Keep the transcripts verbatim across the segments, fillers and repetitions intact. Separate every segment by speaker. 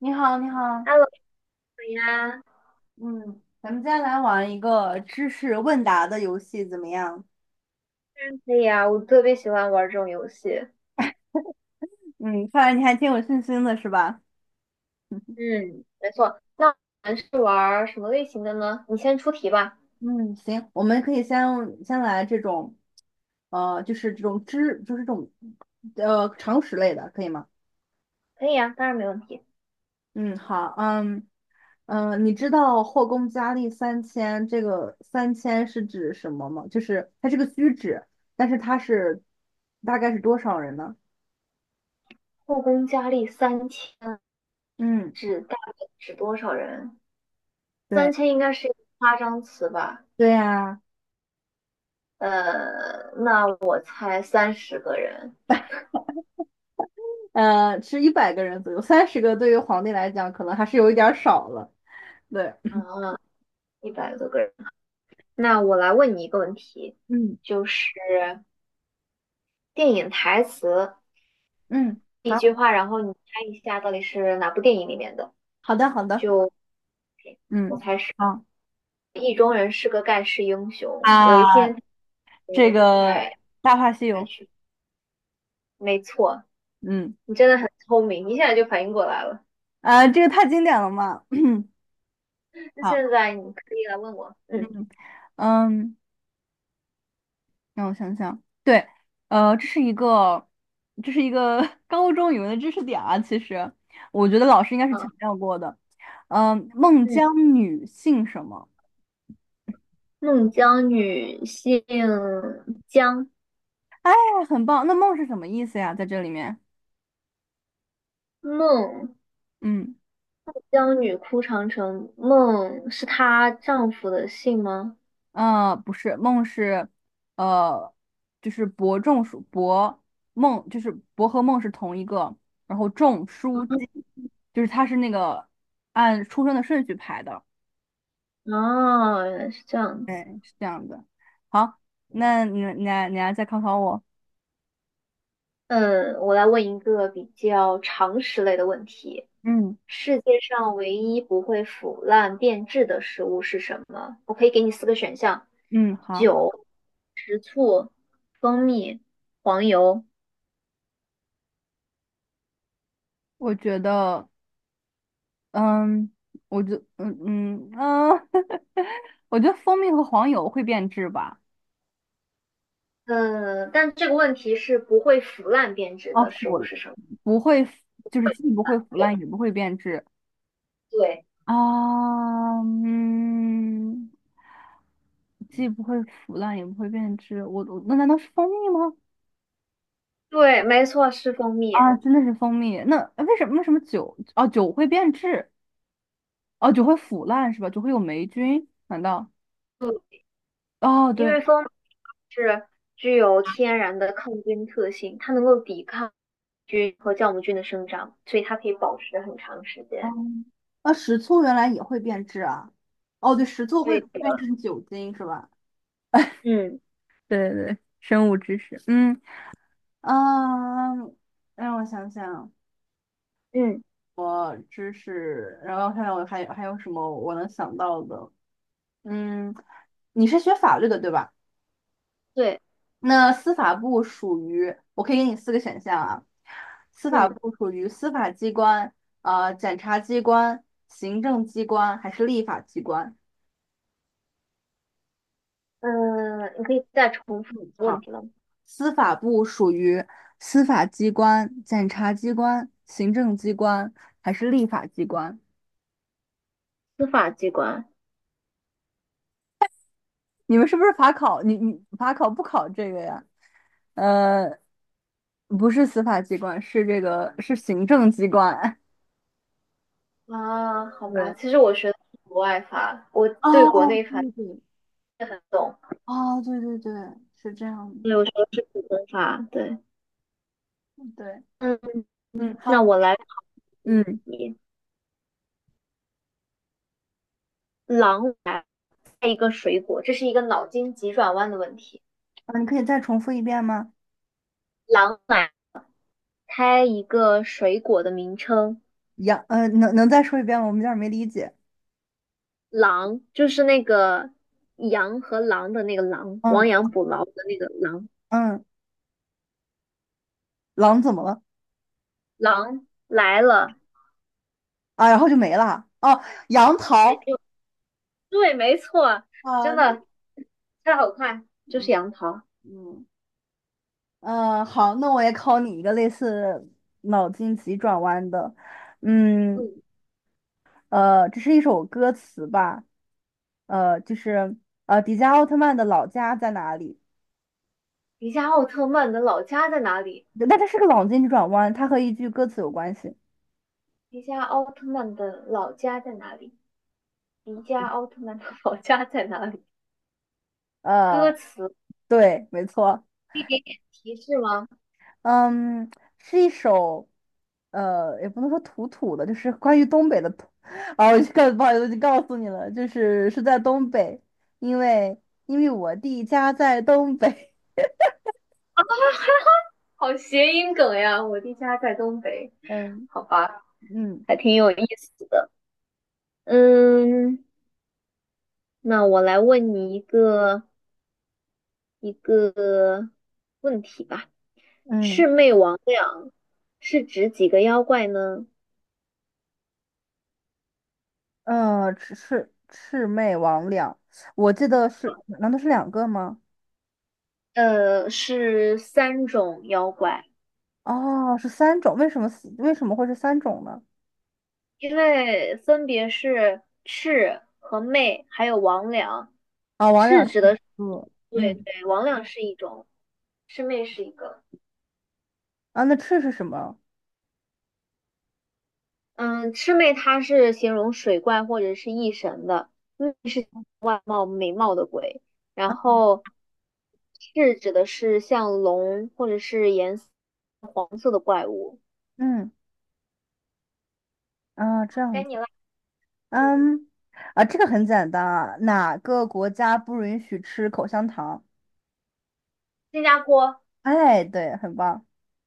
Speaker 1: 你好，你好。
Speaker 2: Hello 你呀，当
Speaker 1: 嗯，咱们接下来玩一个知识问答的游戏，怎么样？
Speaker 2: 然可以啊，我特别喜欢玩这种游戏。
Speaker 1: 嗯，看来你还挺有信心的，是吧？
Speaker 2: 嗯，没错。那我们是玩什么类型的呢？你先出题吧。
Speaker 1: 嗯，行，我们可以先先来这种，呃，就是这种知，就是这种，呃，常识类的，可以吗？
Speaker 2: 可以啊，当然没问题。
Speaker 1: 嗯，好。嗯嗯、呃你知道后宫佳丽三千这个三千是指什么吗？就是它是个虚指，但是它是大概是多少人呢？
Speaker 2: 后宫佳丽三千
Speaker 1: 嗯，
Speaker 2: 指大概指多少人？
Speaker 1: 对。
Speaker 2: 三千应该是一个夸张词吧？
Speaker 1: 对呀。
Speaker 2: 呃，那我猜三十个人
Speaker 1: 呃，是一百个人左右，三十个对于皇帝来讲可能还是有一点儿少了。对。
Speaker 2: 啊，一百多个人。那我来问你一个问题，
Speaker 1: 嗯
Speaker 2: 就是电影台词
Speaker 1: 嗯，
Speaker 2: 一
Speaker 1: 好
Speaker 2: 句话，然后你猜一下到底是哪部电影里面的。
Speaker 1: 好的好的。
Speaker 2: 就我
Speaker 1: 嗯
Speaker 2: 开始，
Speaker 1: 好
Speaker 2: 意中人是个盖世英雄。有一
Speaker 1: 啊，
Speaker 2: 天他学
Speaker 1: 这
Speaker 2: 期
Speaker 1: 个
Speaker 2: 才
Speaker 1: 《大话西
Speaker 2: 来
Speaker 1: 游》。
Speaker 2: 学，没错，
Speaker 1: 嗯
Speaker 2: 你真的很聪明，一下就反应过来了。
Speaker 1: 啊，这个太经典了嘛。
Speaker 2: 那
Speaker 1: 好。
Speaker 2: 现在你可以来问我，嗯，
Speaker 1: 嗯嗯，让我想想。对。呃，这是一个这是一个 高中语文的知识点啊，其实我觉得老师应该是强
Speaker 2: 好，
Speaker 1: 调过的。嗯，孟
Speaker 2: 嗯，
Speaker 1: 姜女姓什么？
Speaker 2: 孟姜女姓姜，
Speaker 1: 哎，很棒。那孟是什么意思呀？在这里面。
Speaker 2: 孟
Speaker 1: 嗯。
Speaker 2: 姜女哭长城，孟是她丈夫的姓吗？
Speaker 1: 嗯，呃不是，梦是，呃，就是伯仲叔伯梦，就是伯和梦是同一个，然后仲叔姬，就是他是那个按出生的顺序排的。
Speaker 2: 哦，原来是这样子。
Speaker 1: 对，是这样子。好，那你你来你来再考考我。
Speaker 2: 嗯，我来问一个比较常识类的问题：
Speaker 1: 嗯，
Speaker 2: 世界上唯一不会腐烂变质的食物是什么？我可以给你四个选项：
Speaker 1: 嗯，好。
Speaker 2: 酒、蜂蜜、黄油。
Speaker 1: 我觉得，嗯，我觉，嗯嗯嗯，我觉得蜂蜜和黄油会变质吧。
Speaker 2: 嗯，但这个问题是不会腐烂变质
Speaker 1: 哦，
Speaker 2: 的食
Speaker 1: 腐
Speaker 2: 物
Speaker 1: 了，
Speaker 2: 是什么？
Speaker 1: 不会腐，就是既不会腐
Speaker 2: 对
Speaker 1: 烂，也不会变质。
Speaker 2: 对，
Speaker 1: 啊。嗯，既不会腐烂，也不会变质。我我那难道是蜂蜜吗？
Speaker 2: 对，没错，是蜂蜜，
Speaker 1: 啊，真的是蜂蜜。那呃为什么为什么酒哦酒会变质？哦，酒会腐烂是吧？酒会有霉菌？难道？
Speaker 2: 嗯，
Speaker 1: 哦
Speaker 2: 因
Speaker 1: 对。
Speaker 2: 为蜂蜜是具有天然的抗菌特性，它能够抵抗菌和酵母菌的生长，所以它可以保持很长时间。
Speaker 1: 嗯，啊，食醋原来也会变质啊？哦，对，食醋会
Speaker 2: 对
Speaker 1: 变
Speaker 2: 的，
Speaker 1: 成酒精是吧？
Speaker 2: 嗯
Speaker 1: 对对，对生物知识。嗯嗯，让我想想。
Speaker 2: 嗯，
Speaker 1: 我知识，然后还有还有还有什么我能想到的？嗯，你是学法律的对吧？
Speaker 2: 对，
Speaker 1: 那司法部属于，我可以给你四个选项啊。司法
Speaker 2: 嗯，
Speaker 1: 部属于司法机关、呃检察机关、行政机关还是立法机关？
Speaker 2: 嗯、呃你可以再重复
Speaker 1: 嗯，
Speaker 2: 问
Speaker 1: 好。
Speaker 2: 题了吗？
Speaker 1: 司法部属于司法机关、检察机关、行政机关还是立法机关？
Speaker 2: 司法机关，
Speaker 1: 你们是不是法考？你你法考不考这个呀？呃，不是司法机关，是这个是行政机关。
Speaker 2: 啊，好 吧，
Speaker 1: 对，
Speaker 2: 其实我学的是国外法，我对国
Speaker 1: 哦，
Speaker 2: 内法
Speaker 1: 对对，
Speaker 2: 不是很懂。
Speaker 1: 哦，对对对，是这样
Speaker 2: 对，
Speaker 1: 的。
Speaker 2: 我学的是普通法，对，
Speaker 1: 嗯对。
Speaker 2: 嗯，
Speaker 1: 嗯，好。
Speaker 2: 那我来考问
Speaker 1: 嗯，
Speaker 2: 你，狼开一个水果，这是一个脑筋急转弯的问题。
Speaker 1: 啊，你可以再重复一遍吗？
Speaker 2: 狼来开一个水果的名称，
Speaker 1: 杨，呃，能能再说一遍吗？我们有点儿没理解。
Speaker 2: 狼就是那个羊和狼的那个狼，
Speaker 1: 嗯
Speaker 2: 亡羊补牢的那个狼。
Speaker 1: 嗯，狼怎么了？
Speaker 2: 狼来了，
Speaker 1: 啊，然后就没了啊。哦，杨
Speaker 2: 得
Speaker 1: 桃。
Speaker 2: 就对，没错，
Speaker 1: 啊。
Speaker 2: 真的太好快，就
Speaker 1: 嗯
Speaker 2: 是杨桃。
Speaker 1: 嗯，呃好，那我也考你一个类似脑筋急转弯的。嗯，
Speaker 2: 嗯，
Speaker 1: 呃，这是一首歌词吧？呃，就是呃，迪迦奥特曼的老家在哪里？
Speaker 2: 迪迦奥特曼的老家在哪里？
Speaker 1: 但它是个脑筋急转弯，它和一句歌词有关系。
Speaker 2: 迪迦奥特曼的老家在哪里？迪迦奥特曼的 老家在哪里？
Speaker 1: 呃，
Speaker 2: 歌词
Speaker 1: 对，没错。
Speaker 2: 提示吗？
Speaker 1: 嗯，是一首，呃，也不能说土土的，就是关于东北的土。啊，我就告，不好意思，我就告诉你了，就是是在东北，因为因为我弟家在东北。
Speaker 2: 好谐音梗呀！我的家在东北，
Speaker 1: 嗯
Speaker 2: 好吧，
Speaker 1: 嗯
Speaker 2: 还挺有意思的。嗯，那我来问你一个一个问题吧。
Speaker 1: 嗯，
Speaker 2: 魑魅魍魉是指几个妖怪呢？
Speaker 1: 呃，魑魑魑魅魍魉，我记得是，难道是两个吗？
Speaker 2: 呃，是三种妖怪，
Speaker 1: 哦，是三种。为什么四为什么会是三种呢？
Speaker 2: 因为分别是魑和魅，还有魍魉。
Speaker 1: 啊、哦，王两
Speaker 2: 魑
Speaker 1: 是
Speaker 2: 指
Speaker 1: 一
Speaker 2: 的是
Speaker 1: 个。
Speaker 2: 对
Speaker 1: 嗯，
Speaker 2: 对，魍魉是一种，魑魅是一个。
Speaker 1: 啊，那赤是什么？
Speaker 2: 嗯，魑魅它是形容水怪或者是异神的，魅是貌美貌的鬼，然
Speaker 1: 啊。
Speaker 2: 后魑指的是像龙或者是颜色黄色的怪物。
Speaker 1: 嗯，啊，这样
Speaker 2: 该
Speaker 1: 子。
Speaker 2: 你了。
Speaker 1: 嗯，啊，这个很简单啊，哪个国家不允许吃口香糖？
Speaker 2: 新加坡，
Speaker 1: 哎，对，很棒。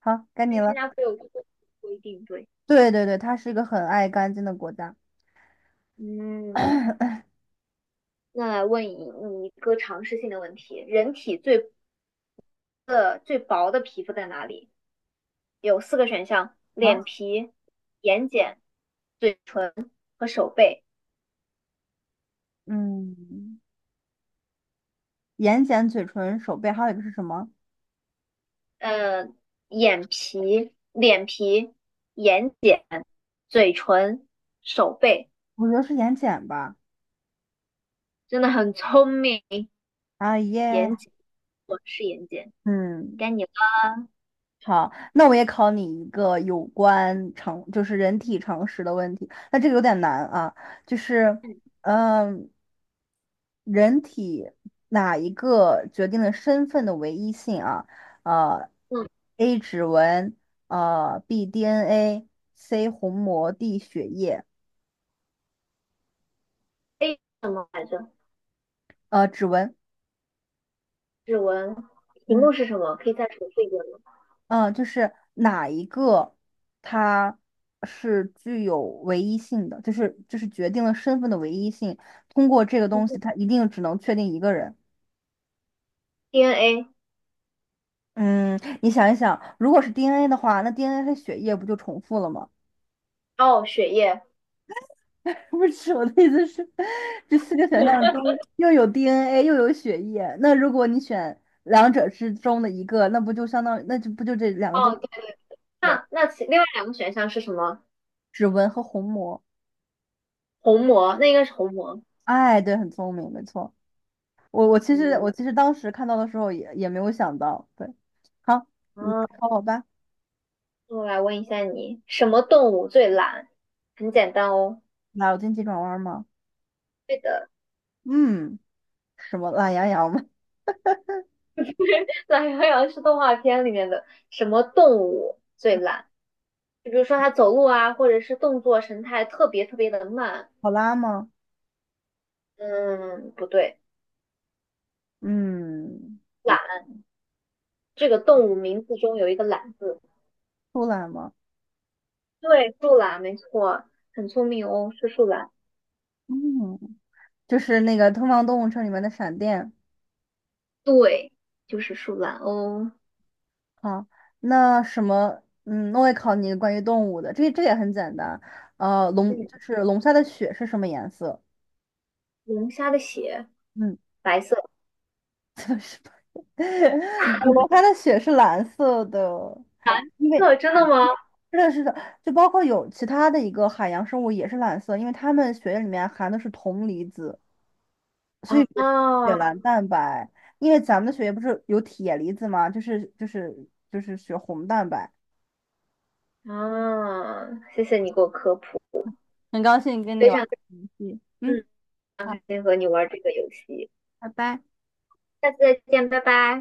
Speaker 1: 好，该你
Speaker 2: 对，新
Speaker 1: 了。
Speaker 2: 加坡有这个规定，对。
Speaker 1: 对对对，它是一个很爱干净的国家。
Speaker 2: 嗯，那来问你你一个常识性的问题：人体最的最薄的皮肤在哪里？有四个选项：脸
Speaker 1: 好。
Speaker 2: 皮、眼睑、嘴唇和手背。
Speaker 1: 嗯，眼睑、嘴唇、手背，还有一个是什么？
Speaker 2: 呃，眼皮、脸皮、眼睑、嘴唇、手背，
Speaker 1: 我觉得是眼睑吧。
Speaker 2: 真的很聪明。
Speaker 1: 啊耶。
Speaker 2: 眼睑，我是眼睑，
Speaker 1: 嗯。
Speaker 2: 该你了。
Speaker 1: 好，那我也考你一个有关常，就是人体常识的问题。那这个有点难啊，就是，嗯，人体哪一个决定了身份的唯一性啊？呃
Speaker 2: 嗯
Speaker 1: ，A 指纹，呃，B D N A，C 虹膜，D 血液。
Speaker 2: ，A 什么来着？
Speaker 1: 呃，指纹。
Speaker 2: 指纹，题目
Speaker 1: 嗯。
Speaker 2: 是什么？可以再重复一遍吗
Speaker 1: 嗯，就是哪一个它是具有唯一性的，就是就是决定了身份的唯一性。通过这个东西，它一定只能确定一个人。
Speaker 2: ？D N A，
Speaker 1: 嗯，你想一想，如果是 D N A 的话，那 D N A 和血液不就重复了吗？
Speaker 2: 哦，血液，
Speaker 1: 不是我的意思是，这四个选项中又有 D N A 又有血液，那如果你选两者之中的一个，那不就相当于那就不就这两个都
Speaker 2: 哦，对，
Speaker 1: 对。
Speaker 2: 那那其另外两个选项是什么？
Speaker 1: 指纹和虹膜。
Speaker 2: 虹膜，那应该是虹膜。
Speaker 1: 哎，对，很聪明，没错。我我其实
Speaker 2: 嗯，
Speaker 1: 我其实当时看到的时候也也没有想到。对。好，你
Speaker 2: 啊，
Speaker 1: 考我吧。
Speaker 2: 我来问一下你，什么动物最懒？很简单哦，
Speaker 1: 脑筋急转弯吗？
Speaker 2: 对的，
Speaker 1: 嗯，什么懒羊羊吗？
Speaker 2: 懒羊羊是动画片里面的什么动物最懒？就比如说它走路啊，或者是动作神态特别特别的慢。
Speaker 1: 考拉吗？
Speaker 2: 嗯，不对，
Speaker 1: 嗯，
Speaker 2: 懒这个动物名字中有一个懒字。
Speaker 1: 出来吗？
Speaker 2: 对，树懒没错，很聪明哦，是树懒，
Speaker 1: 嗯，就是那个《东方动物城》里面的闪电。
Speaker 2: 对，就是树懒哦。
Speaker 1: 好，那什么。嗯，那我也考你关于动物的，这这也很简单。呃，龙
Speaker 2: 嗯，
Speaker 1: 就是龙虾的血是什么颜色？
Speaker 2: 龙虾的血
Speaker 1: 嗯。
Speaker 2: 白色，
Speaker 1: 我们它的血是蓝色的，因为
Speaker 2: 这真的吗？
Speaker 1: 是的，是的，就包括有其他的一个海洋生物也是蓝色，因为它们血液里面含的是铜离子，所以
Speaker 2: 啊
Speaker 1: 是血蓝蛋白。因为咱们的血液不是有铁离子吗？就是就是就是血红蛋白。
Speaker 2: 啊！谢谢你给我科普，
Speaker 1: 很高兴跟你
Speaker 2: 非
Speaker 1: 玩
Speaker 2: 常
Speaker 1: 这个游戏。嗯，
Speaker 2: 嗯，很
Speaker 1: 好，
Speaker 2: 开心和你玩这个游戏。
Speaker 1: 拜拜。
Speaker 2: 下次再见，拜拜。